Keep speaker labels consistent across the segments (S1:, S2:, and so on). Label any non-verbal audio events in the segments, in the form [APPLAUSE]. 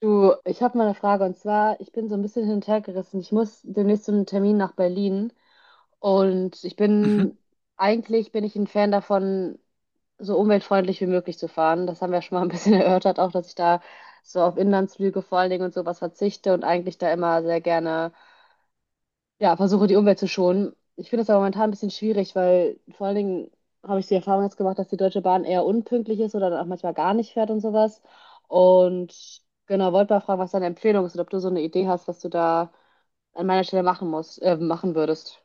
S1: Du, ich habe mal eine Frage und zwar, ich bin so ein bisschen hin und her gerissen. Ich muss demnächst zu einem Termin nach Berlin und ich bin,
S2: Mhm.
S1: eigentlich bin ich ein Fan davon, so umweltfreundlich wie möglich zu fahren. Das haben wir schon mal ein bisschen [LAUGHS] erörtert, auch dass ich da so auf Inlandsflüge vor allen Dingen und sowas verzichte und eigentlich da immer sehr gerne ja, versuche die Umwelt zu schonen. Ich finde das aber momentan ein bisschen schwierig, weil vor allen Dingen habe ich die Erfahrung jetzt gemacht, dass die Deutsche Bahn eher unpünktlich ist oder dann auch manchmal gar nicht fährt und sowas. Und genau, wollte mal fragen, was deine Empfehlung ist und ob du so eine Idee hast, was du da an meiner Stelle machen würdest.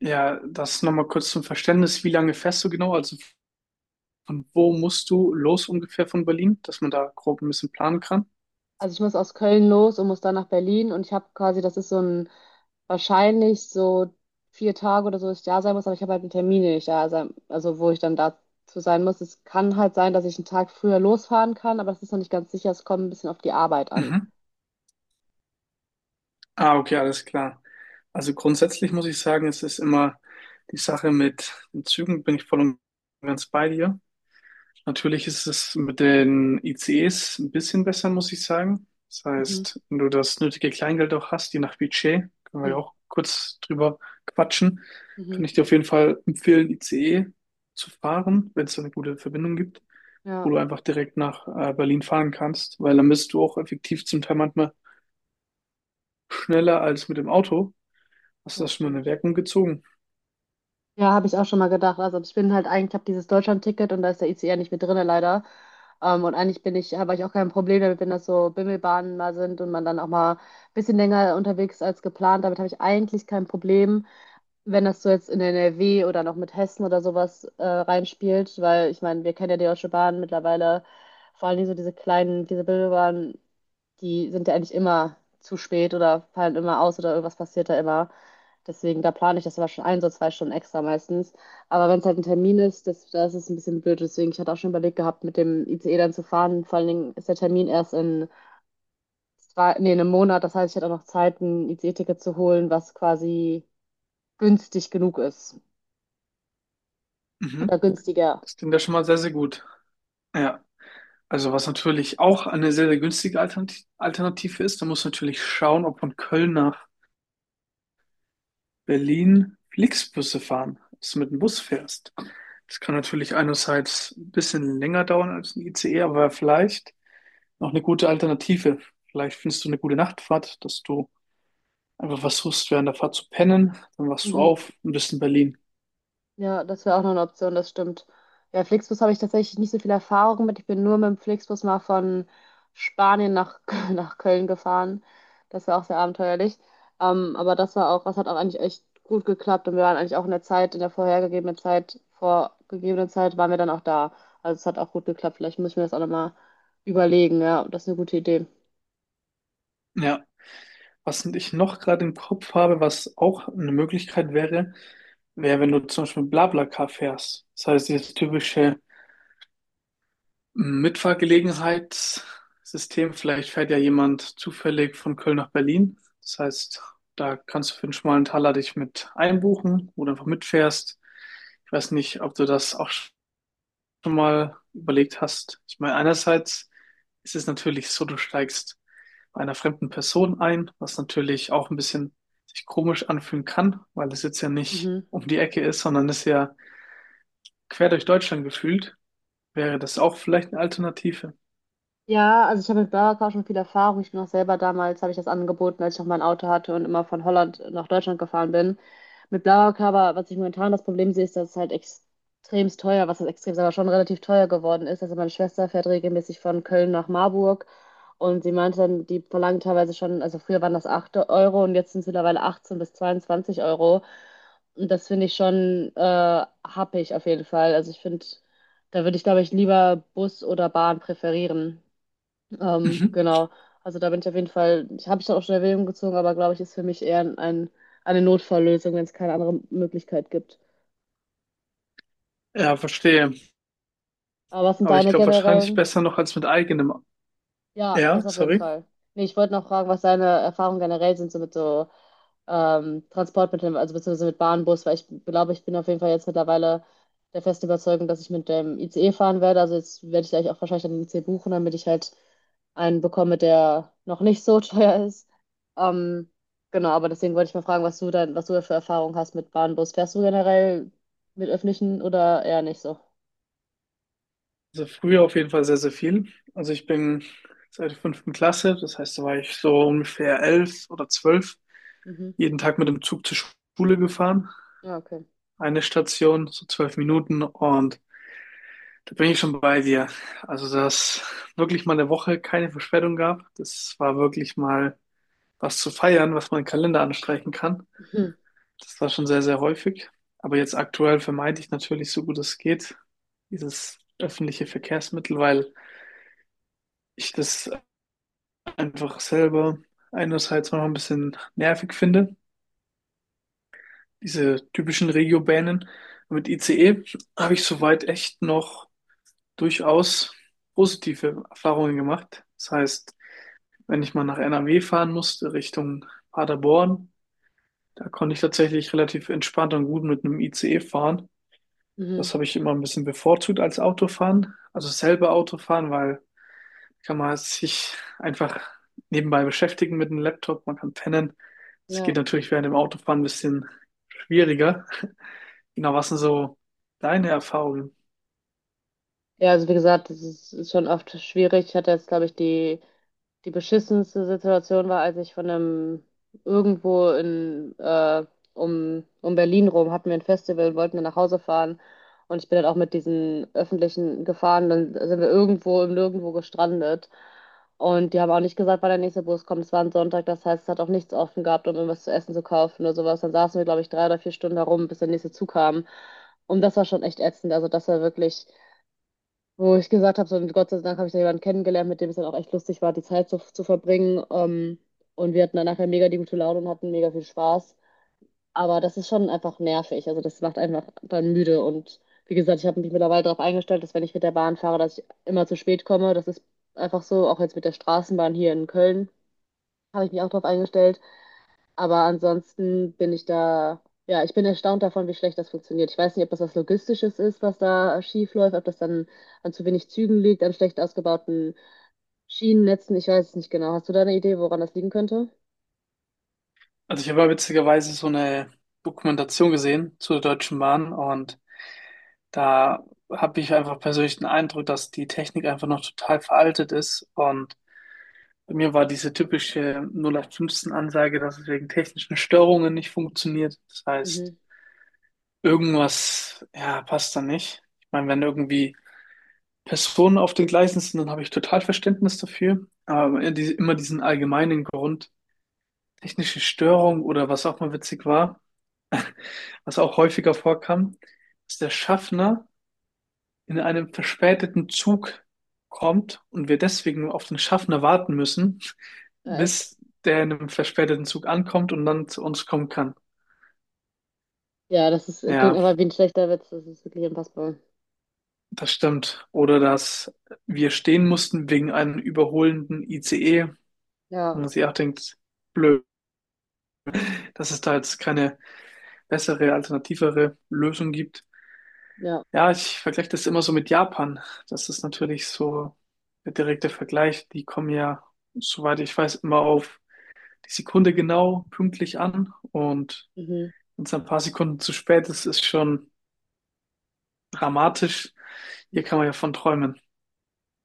S2: Ja, das nochmal kurz zum Verständnis. Wie lange fährst du genau? Also von wo musst du los ungefähr von Berlin, dass man da grob ein bisschen planen kann?
S1: Also ich muss aus Köln los und muss dann nach Berlin und ich habe quasi, das ist so ein, wahrscheinlich so 4 Tage oder so, dass ich da sein muss, aber ich habe halt einen Termin, den ich da sein, also wo ich dann dazu sein muss. Es kann halt sein, dass ich einen Tag früher losfahren kann, aber das ist noch nicht ganz sicher. Es kommt ein bisschen auf die Arbeit an.
S2: Mhm. Ah, okay, alles klar. Also grundsätzlich muss ich sagen, es ist immer die Sache mit den Zügen, bin ich voll und ganz bei dir. Natürlich ist es mit den ICEs ein bisschen besser, muss ich sagen. Das
S1: Mhm.
S2: heißt, wenn du das nötige Kleingeld auch hast, je nach Budget, können wir ja
S1: Mhm.
S2: auch kurz drüber quatschen,
S1: Mhm.
S2: kann ich dir auf jeden Fall empfehlen, ICE zu fahren, wenn es da eine gute Verbindung gibt, wo
S1: Ja,
S2: du einfach direkt nach Berlin fahren kannst, weil dann bist du auch effektiv zum Teil manchmal schneller als mit dem Auto. Hast du das
S1: das
S2: schon mal in
S1: stimmt.
S2: Erwägung gezogen?
S1: Ja, habe ich auch schon mal gedacht. Also ich bin halt eigentlich, habe dieses Deutschland-Ticket und da ist der ICE nicht mit drinne leider. Und eigentlich bin ich, habe ich auch kein Problem damit, wenn das so Bimmelbahnen mal sind und man dann auch mal ein bisschen länger unterwegs ist als geplant. Damit habe ich eigentlich kein Problem, wenn das so jetzt in NRW oder noch mit Hessen oder sowas reinspielt, weil ich meine, wir kennen ja die Deutsche Bahn mittlerweile, vor allem so diese kleinen, diese Bimmelbahnen, die sind ja eigentlich immer zu spät oder fallen immer aus oder irgendwas passiert da immer. Deswegen, da plane ich das aber schon ein, so 2 Stunden extra meistens. Aber wenn es halt ein Termin ist, das ist ein bisschen blöd. Deswegen, ich hatte auch schon überlegt gehabt, mit dem ICE dann zu fahren. Vor allen Dingen ist der Termin erst in, drei, nee, in einem Monat. Das heißt, ich hätte auch noch Zeit, ein ICE-Ticket zu holen, was quasi günstig genug ist. Oder
S2: Mhm.
S1: günstiger.
S2: Das klingt ja schon mal sehr, sehr gut. Ja, also was natürlich auch eine sehr, sehr günstige Alternative ist, da muss natürlich schauen, ob von Köln nach Berlin Flixbusse fahren, dass du mit dem Bus fährst. Das kann natürlich einerseits ein bisschen länger dauern als ein ICE, aber vielleicht noch eine gute Alternative. Vielleicht findest du eine gute Nachtfahrt, dass du einfach versuchst, während der Fahrt zu pennen, dann wachst du
S1: Mhm.
S2: auf und bist in Berlin.
S1: Ja, das wäre auch noch eine Option, das stimmt. Ja, Flixbus habe ich tatsächlich nicht so viel Erfahrung mit. Ich bin nur mit dem Flixbus mal von Spanien nach, [LAUGHS] nach Köln gefahren. Das war auch sehr abenteuerlich. Aber das war auch, das hat auch eigentlich echt gut geklappt und wir waren eigentlich auch in der Zeit, in der vorhergegebenen Zeit, vorgegebenen Zeit, waren wir dann auch da. Also es hat auch gut geklappt. Vielleicht muss ich mir das auch nochmal überlegen, ja. Das ist eine gute Idee.
S2: Ja. Was ich noch gerade im Kopf habe, was auch eine Möglichkeit wäre, wäre, wenn du zum Beispiel mit BlaBlaCar fährst. Das heißt, dieses typische Mitfahrgelegenheitssystem, vielleicht fährt ja jemand zufällig von Köln nach Berlin. Das heißt, da kannst du für einen schmalen Taler dich mit einbuchen oder einfach mitfährst. Ich weiß nicht, ob du das auch schon mal überlegt hast. Ich meine, einerseits ist es natürlich so, du steigst bei einer fremden Person ein, was natürlich auch ein bisschen sich komisch anfühlen kann, weil es jetzt ja nicht
S1: Mhm.
S2: um die Ecke ist, sondern es ist ja quer durch Deutschland gefühlt. Wäre das auch vielleicht eine Alternative?
S1: Ja, also ich habe mit Burger King schon viel Erfahrung. Ich bin auch selber damals, habe ich das angeboten, als ich noch mein Auto hatte und immer von Holland nach Deutschland gefahren bin. Mit Burger King, aber was ich momentan das Problem sehe, ist, dass es halt extremst teuer, was heißt extrem, aber schon relativ teuer geworden ist. Also meine Schwester fährt regelmäßig von Köln nach Marburg und sie meinte dann, die verlangen teilweise schon, also früher waren das 8 Euro und jetzt sind es mittlerweile 18 bis 22 Euro. Und das finde ich schon happig auf jeden Fall. Also ich finde, da würde ich, glaube ich, lieber Bus oder Bahn präferieren.
S2: Mhm.
S1: Genau. Also da bin ich auf jeden Fall, ich habe ich dann auch schon in Erwägung gezogen, aber glaube ich, ist für mich eher eine Notfalllösung, wenn es keine andere Möglichkeit gibt.
S2: Ja, verstehe.
S1: Aber was sind
S2: Aber ich
S1: deine
S2: glaube wahrscheinlich
S1: generellen?
S2: besser noch als mit eigenem.
S1: Ja, das
S2: Ja,
S1: auf jeden
S2: sorry.
S1: Fall. Nee, ich wollte noch fragen, was deine Erfahrungen generell sind, so mit so Transportmitteln, also beziehungsweise mit Bahn, Bus, weil ich glaube, ich bin auf jeden Fall jetzt mittlerweile der festen Überzeugung, dass ich mit dem ICE fahren werde. Also jetzt werde ich gleich auch wahrscheinlich einen ICE buchen, damit ich halt einen bekomme, der noch nicht so [LAUGHS] teuer ist. Ähm, genau, aber deswegen wollte ich mal fragen, was du dann, was du für Erfahrungen hast mit Bahn, Bus. Fährst du generell mit öffentlichen oder eher nicht so?
S2: Also früher auf jeden Fall sehr, sehr viel. Also ich bin seit der fünften Klasse, das heißt, da war ich so ungefähr elf oder zwölf,
S1: Mhm.
S2: jeden Tag mit dem Zug zur Schule gefahren.
S1: Ja, okay.
S2: Eine Station, so zwölf Minuten, und da bin ich schon bei dir. Also, dass wirklich mal eine Woche keine Verspätung gab, das war wirklich mal was zu feiern, was man im Kalender anstreichen kann.
S1: Mhm. [LAUGHS]
S2: Das war schon sehr, sehr häufig. Aber jetzt aktuell vermeide ich natürlich so gut es geht dieses öffentliche Verkehrsmittel, weil ich das einfach selber einerseits noch ein bisschen nervig finde. Diese typischen Regiobahnen mit ICE habe ich soweit echt noch durchaus positive Erfahrungen gemacht. Das heißt, wenn ich mal nach NRW fahren musste, Richtung Paderborn, da konnte ich tatsächlich relativ entspannt und gut mit einem ICE fahren. Das
S1: Mhm.
S2: habe ich immer ein bisschen bevorzugt als Autofahren. Also selber Autofahren, weil kann man sich einfach nebenbei beschäftigen mit dem Laptop, man kann pennen. Das
S1: Ja.
S2: geht natürlich während dem Autofahren ein bisschen schwieriger. Genau, was sind so deine Erfahrungen?
S1: Ja, also wie gesagt, das ist schon oft schwierig. Ich hatte jetzt, glaube ich, die beschissenste Situation war, als ich von einem irgendwo in um Berlin rum hatten wir ein Festival und wollten dann nach Hause fahren. Und ich bin dann auch mit diesen öffentlichen gefahren. Dann sind wir irgendwo im Nirgendwo gestrandet. Und die haben auch nicht gesagt, wann der nächste Bus kommt. Es war ein Sonntag, das heißt, es hat auch nichts offen gehabt, um irgendwas zu essen zu kaufen oder sowas. Dann saßen wir, glaube ich, 3 oder 4 Stunden herum, bis der nächste Zug kam. Und das war schon echt ätzend. Also das war wirklich wo ich gesagt habe, so, und Gott sei Dank habe ich da jemanden kennengelernt, mit dem es dann auch echt lustig war, die Zeit zu verbringen. Und wir hatten dann nachher mega die gute Laune und hatten mega viel Spaß. Aber das ist schon einfach nervig. Also das macht einfach dann müde. Und wie gesagt, ich habe mich mittlerweile darauf eingestellt, dass wenn ich mit der Bahn fahre, dass ich immer zu spät komme. Das ist einfach so, auch jetzt mit der Straßenbahn hier in Köln habe ich mich auch darauf eingestellt. Aber ansonsten bin ich da, ja, ich bin erstaunt davon, wie schlecht das funktioniert. Ich weiß nicht, ob das was Logistisches ist, was da schief läuft, ob das dann an zu wenig Zügen liegt, an schlecht ausgebauten Schienennetzen. Ich weiß es nicht genau. Hast du da eine Idee, woran das liegen könnte?
S2: Also ich habe ja witzigerweise so eine Dokumentation gesehen zur Deutschen Bahn, und da habe ich einfach persönlich den Eindruck, dass die Technik einfach noch total veraltet ist. Und bei mir war diese typische 0815-Ansage, dass es wegen technischen Störungen nicht funktioniert. Das heißt,
S1: Mhm.
S2: irgendwas, ja, passt da nicht. Ich meine, wenn irgendwie Personen auf den Gleisen sind, dann habe ich total Verständnis dafür. Aber immer diesen allgemeinen Grund, technische Störung, oder was auch mal witzig war, was auch häufiger vorkam, dass der Schaffner in einem verspäteten Zug kommt und wir deswegen nur auf den Schaffner warten müssen,
S1: Ja, echt?
S2: bis der in einem verspäteten Zug ankommt und dann zu uns kommen kann.
S1: Ja, das ist, klingt
S2: Ja,
S1: aber wie ein schlechter Witz. Das ist wirklich unfassbar.
S2: das stimmt. Oder dass wir stehen mussten wegen einem überholenden ICE. Und
S1: Ja,
S2: man sich auch denkt, blöd, dass es da jetzt keine bessere, alternativere Lösung gibt.
S1: ja.
S2: Ja, ich vergleiche das immer so mit Japan. Das ist natürlich so der direkte Vergleich. Die kommen ja, soweit ich weiß, immer auf die Sekunde genau pünktlich an, und
S1: Mhm.
S2: wenn es ein paar Sekunden zu spät ist, ist schon dramatisch. Hier kann man ja von träumen.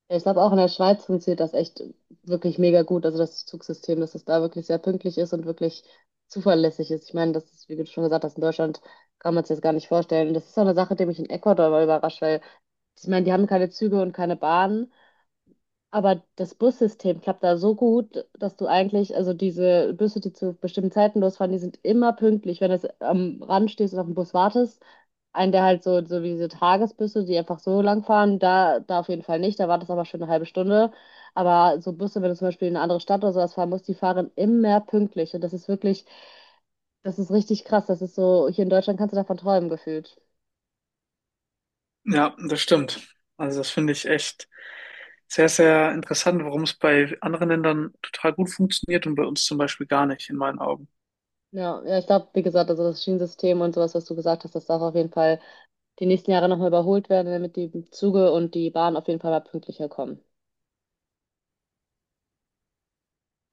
S1: Ja, ich glaube, auch in der Schweiz funktioniert das echt wirklich mega gut. Also das Zugsystem, dass es da wirklich sehr pünktlich ist und wirklich zuverlässig ist. Ich meine, das ist, wie du schon gesagt hast, in Deutschland kann man es jetzt gar nicht vorstellen. Und das ist auch eine Sache, die mich in Ecuador mal überrascht, weil ich meine, die haben keine Züge und keine Bahnen. Aber das Bussystem klappt da so gut, dass du eigentlich, also diese Busse, die zu bestimmten Zeiten losfahren, die sind immer pünktlich, wenn du am Rand stehst und auf den Bus wartest. Einen, der halt so, so wie diese Tagesbusse, die einfach so lang fahren, da auf jeden Fall nicht, da wartest du aber schon eine halbe Stunde. Aber so Busse, wenn du zum Beispiel in eine andere Stadt oder sowas fahren musst, die fahren immer pünktlich. Und das ist wirklich, das ist richtig krass. Das ist so, hier in Deutschland kannst du davon träumen gefühlt.
S2: Ja, das stimmt. Also das finde ich echt sehr, sehr interessant, warum es bei anderen Ländern total gut funktioniert und bei uns zum Beispiel gar nicht, in meinen Augen.
S1: Ja, ja, ich glaube, wie gesagt, also das Schienensystem und sowas, was du gesagt hast, das darf auf jeden Fall die nächsten Jahre nochmal überholt werden, damit die Züge und die Bahn auf jeden Fall mal pünktlicher kommen.